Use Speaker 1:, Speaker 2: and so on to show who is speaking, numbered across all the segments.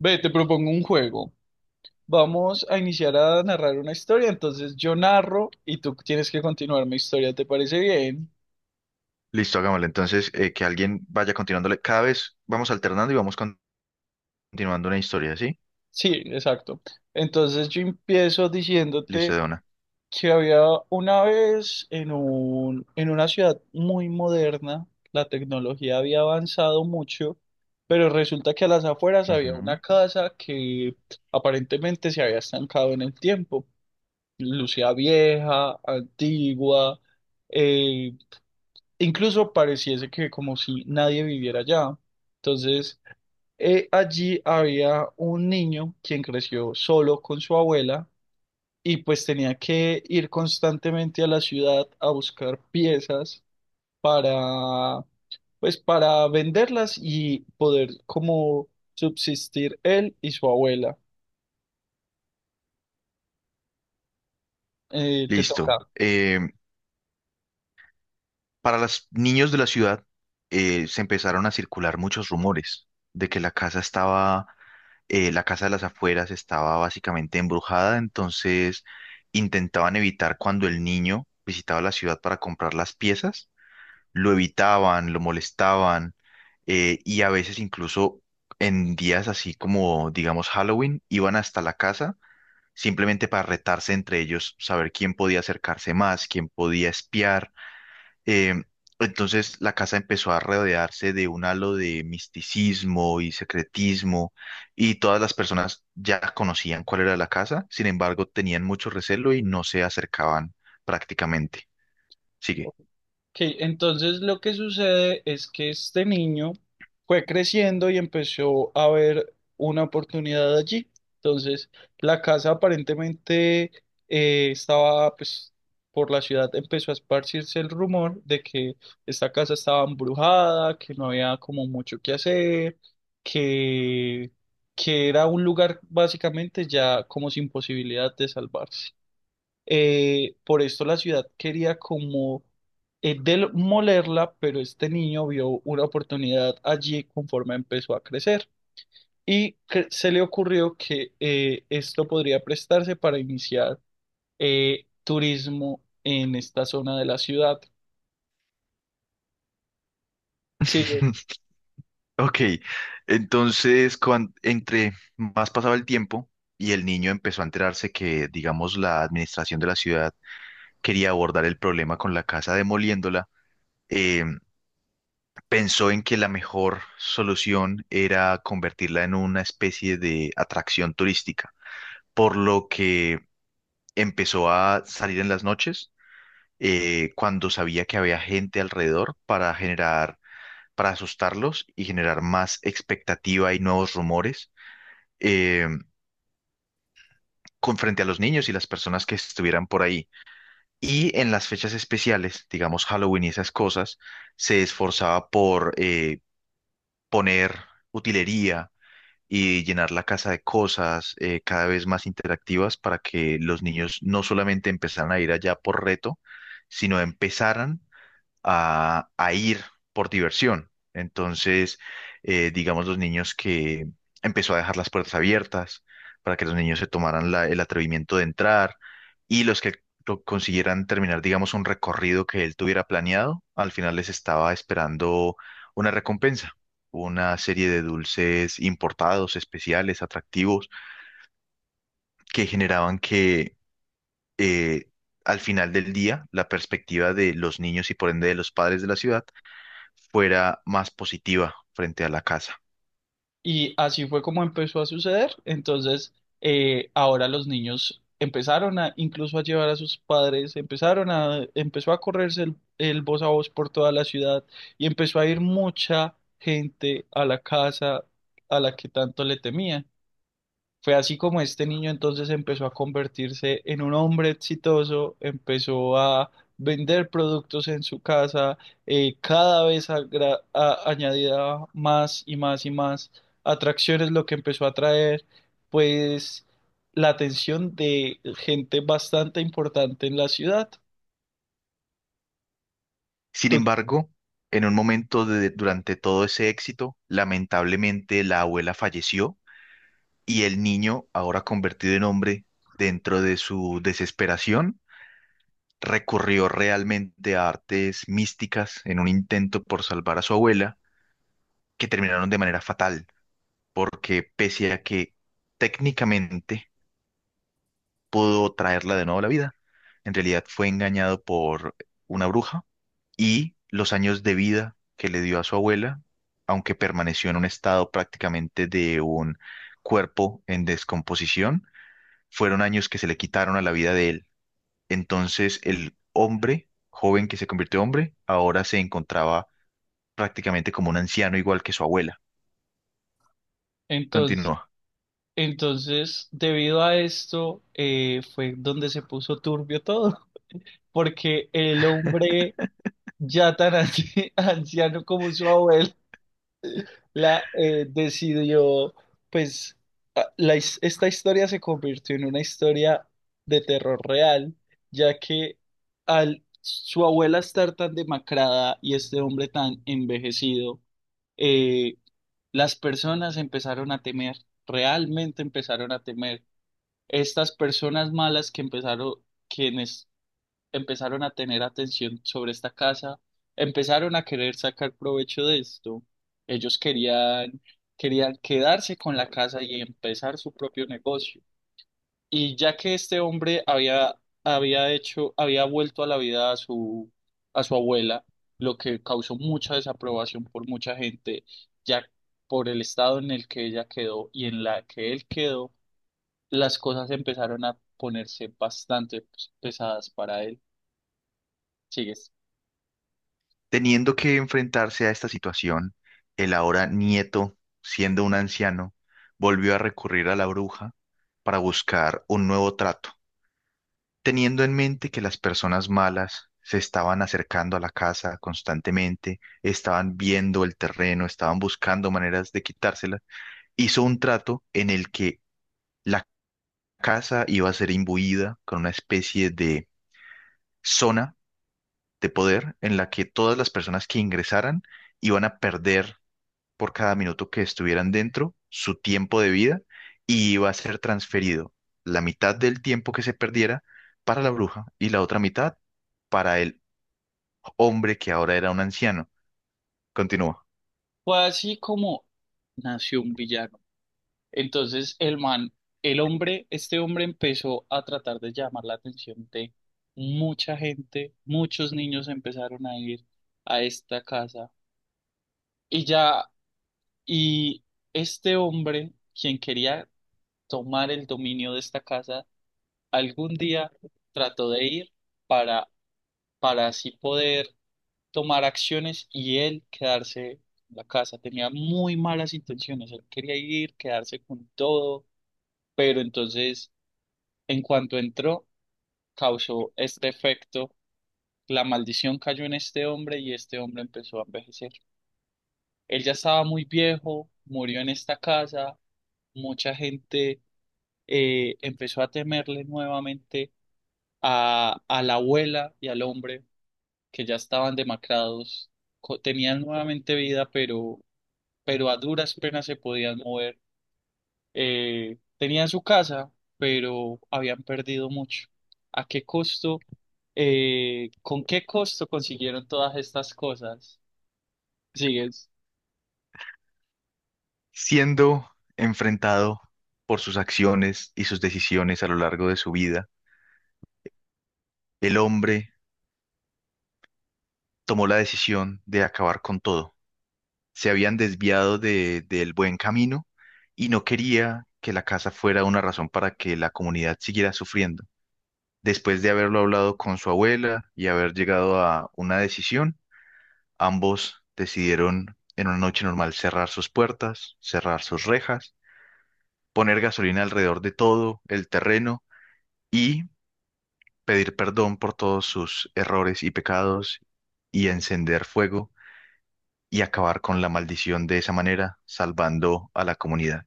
Speaker 1: Ve, te propongo un juego. Vamos a iniciar a narrar una historia, entonces yo narro y tú tienes que continuar mi historia, ¿te parece bien?
Speaker 2: Listo, hagámosle. Entonces, que alguien vaya continuándole. Cada vez vamos alternando y continuando una historia, ¿sí?
Speaker 1: Sí, exacto. Entonces yo empiezo
Speaker 2: Listo, de
Speaker 1: diciéndote
Speaker 2: una.
Speaker 1: que había una vez en una ciudad muy moderna, la tecnología había avanzado mucho, pero resulta que a las afueras había
Speaker 2: Ujú.
Speaker 1: una casa que aparentemente se había estancado en el tiempo. Lucía vieja, antigua, eh, incluso pareciese que como si nadie viviera allá. Entonces, allí había un niño quien creció solo con su abuela y pues tenía que ir constantemente a la ciudad a buscar piezas para, pues para venderlas y poder como subsistir él y su abuela. Te
Speaker 2: Listo.
Speaker 1: toca.
Speaker 2: Para los niños de la ciudad, se empezaron a circular muchos rumores de que la casa de las afueras estaba básicamente embrujada, entonces intentaban evitar cuando el niño visitaba la ciudad para comprar las piezas, lo evitaban, lo molestaban, y a veces incluso en días así como, digamos, Halloween, iban hasta la casa simplemente para retarse entre ellos, saber quién podía acercarse más, quién podía espiar. Eh, entonces la casa empezó a rodearse de un halo de misticismo y secretismo, y todas las personas ya conocían cuál era la casa, sin embargo, tenían mucho recelo y no se acercaban prácticamente. Sigue.
Speaker 1: Ok, entonces lo que sucede es que este niño fue creciendo y empezó a ver una oportunidad allí. Entonces, la casa aparentemente estaba, pues, por la ciudad empezó a esparcirse el rumor de que esta casa estaba embrujada, que no había como mucho que hacer, que, que era un lugar básicamente ya como sin posibilidad de salvarse. Por esto la ciudad quería como demolerla, pero este niño vio una oportunidad allí conforme empezó a crecer y que se le ocurrió que esto podría prestarse para iniciar turismo en esta zona de la ciudad. Sí,
Speaker 2: Ok, entonces entre más pasaba el tiempo y el niño empezó a enterarse que, digamos, la administración de la ciudad quería abordar el problema con la casa demoliéndola, eh, pensó en que la mejor solución era convertirla en una especie de atracción turística, por lo que empezó a salir en las noches, cuando sabía que había gente alrededor, para asustarlos y generar más expectativa y nuevos rumores eh, con frente a los niños y las personas que estuvieran por ahí. Y en las fechas especiales, digamos Halloween y esas cosas, se esforzaba por poner utilería y llenar la casa de cosas, cada vez más interactivas, para que los niños no solamente empezaran a ir allá por reto, sino empezaran a ir por diversión. Entonces, digamos, los niños que empezó a dejar las puertas abiertas para que los niños se tomaran el atrevimiento de entrar, y los que lo consiguieran terminar, digamos, un recorrido que él tuviera planeado, al final les estaba esperando una recompensa, una serie de dulces importados, especiales, atractivos, que generaban que eh, al final del día la perspectiva de los niños y por ende de los padres de la ciudad fuera más positiva frente a la casa.
Speaker 1: y así fue como empezó a suceder. Entonces, ahora los niños empezaron a, incluso a llevar a sus padres, empezó a correrse el voz a voz por toda la ciudad y empezó a ir mucha gente a la casa a la que tanto le temían. Fue así como este niño entonces empezó a convertirse en un hombre exitoso, empezó a vender productos en su casa, cada vez añadía más y más y más atracciones, lo que empezó a atraer, pues la atención de gente bastante importante en la ciudad.
Speaker 2: Sin
Speaker 1: Tú-
Speaker 2: embargo, en un durante todo ese éxito, lamentablemente la abuela falleció y el niño, ahora convertido en hombre, dentro de su desesperación, recurrió realmente a artes místicas en un intento por salvar a su abuela, que terminaron de manera fatal, porque pese a que técnicamente pudo traerla de nuevo a la vida. En realidad fue engañado por una bruja y los años de vida que le dio a su abuela, aunque permaneció en un estado prácticamente de un cuerpo en descomposición, fueron años que se le quitaron a la vida de él. Entonces el hombre, joven que se convirtió en hombre, ahora se encontraba prácticamente como un anciano igual que su abuela.
Speaker 1: Entonces,
Speaker 2: Continúa.
Speaker 1: debido a esto, fue donde se puso turbio todo, porque el hombre ya tan anciano como su abuelo, la decidió, pues, esta historia se convirtió en una historia de terror real, ya que al su abuela estar tan demacrada y este hombre tan envejecido, eh, las personas empezaron a temer, realmente empezaron a temer. Estas personas malas que empezaron, quienes empezaron a tener atención sobre esta casa, empezaron a querer sacar provecho de esto. Ellos querían, querían quedarse con la casa y empezar su propio negocio. Y ya que este hombre había vuelto a la vida a a su abuela, lo que causó mucha desaprobación por mucha gente, ya por el estado en el que ella quedó y en la que él quedó, las cosas empezaron a ponerse bastante pues, pesadas para él. Sigues.
Speaker 2: Teniendo que enfrentarse a esta situación, el ahora nieto, siendo un anciano, volvió a recurrir a la bruja para buscar un nuevo trato, teniendo en mente que las personas malas se estaban acercando a la casa constantemente, estaban viendo el terreno, estaban buscando maneras de quitársela, hizo un trato en el que la casa iba a ser imbuida con una especie de zona de poder en la que todas las personas que ingresaran iban a perder, por cada minuto que estuvieran dentro, su tiempo de vida, y iba a ser transferido la mitad del tiempo que se perdiera para la bruja y la otra mitad para el hombre que ahora era un anciano. Continúa.
Speaker 1: Fue así como nació un villano. Entonces el man, el hombre, este hombre empezó a tratar de llamar la atención de mucha gente, muchos niños empezaron a ir a esta casa y ya, y este hombre, quien quería tomar el dominio de esta casa, algún día trató de ir para, para así poder tomar acciones y él quedarse en la casa. Tenía muy malas intenciones, él quería ir, quedarse con todo, pero entonces en cuanto entró, causó este efecto. La maldición cayó en este hombre y este hombre empezó a envejecer. Él ya estaba muy viejo, murió en esta casa, mucha gente empezó a temerle nuevamente a la abuela y al hombre que ya estaban demacrados, tenían nuevamente vida, pero a duras penas se podían mover. Tenían su casa, pero habían perdido mucho. ¿A qué costo? ¿Con qué costo consiguieron todas estas cosas? Sigues.
Speaker 2: Siendo enfrentado por sus acciones y sus decisiones a lo largo de su vida, el hombre tomó la decisión de acabar con todo. Se habían desviado del buen camino y no quería que la casa fuera una razón para que la comunidad siguiera sufriendo. Después de haberlo hablado con su abuela y haber llegado a una decisión, ambos decidieron en una noche normal cerrar sus puertas, cerrar sus rejas, poner gasolina alrededor de todo el terreno y pedir perdón por todos sus errores y pecados y encender fuego y acabar con la maldición de esa manera, salvando a la comunidad.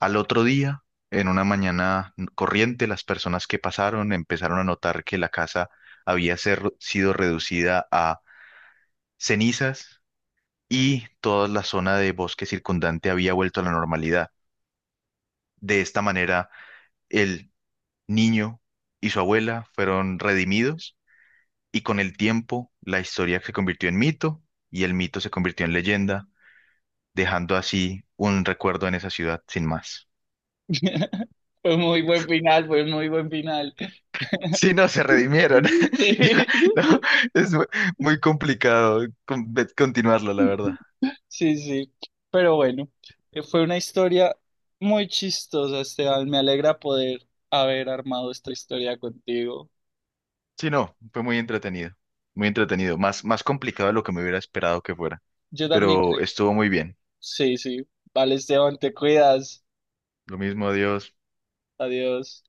Speaker 2: Al otro día, en una mañana corriente, las personas que pasaron empezaron a notar que la casa había sido reducida a cenizas y toda la zona de bosque circundante había vuelto a la normalidad. De esta manera, el niño y su abuela fueron redimidos, y con el tiempo la historia se convirtió en mito y el mito se convirtió en leyenda, dejando así un recuerdo en esa ciudad sin más.
Speaker 1: Fue muy buen final, fue muy buen final.
Speaker 2: Sí, no, se redimieron. Ya, no, es muy complicado continuarlo, la verdad.
Speaker 1: Sí, sí, sí. Pero bueno, fue una historia muy chistosa, Esteban. Me alegra poder haber armado esta historia contigo.
Speaker 2: Sí, no, fue muy entretenido. Muy entretenido. Más, más complicado de lo que me hubiera esperado que fuera.
Speaker 1: Yo también
Speaker 2: Pero
Speaker 1: creo.
Speaker 2: estuvo muy bien.
Speaker 1: Sí, sí. Vale, Esteban, te cuidas.
Speaker 2: Lo mismo, adiós.
Speaker 1: Adiós.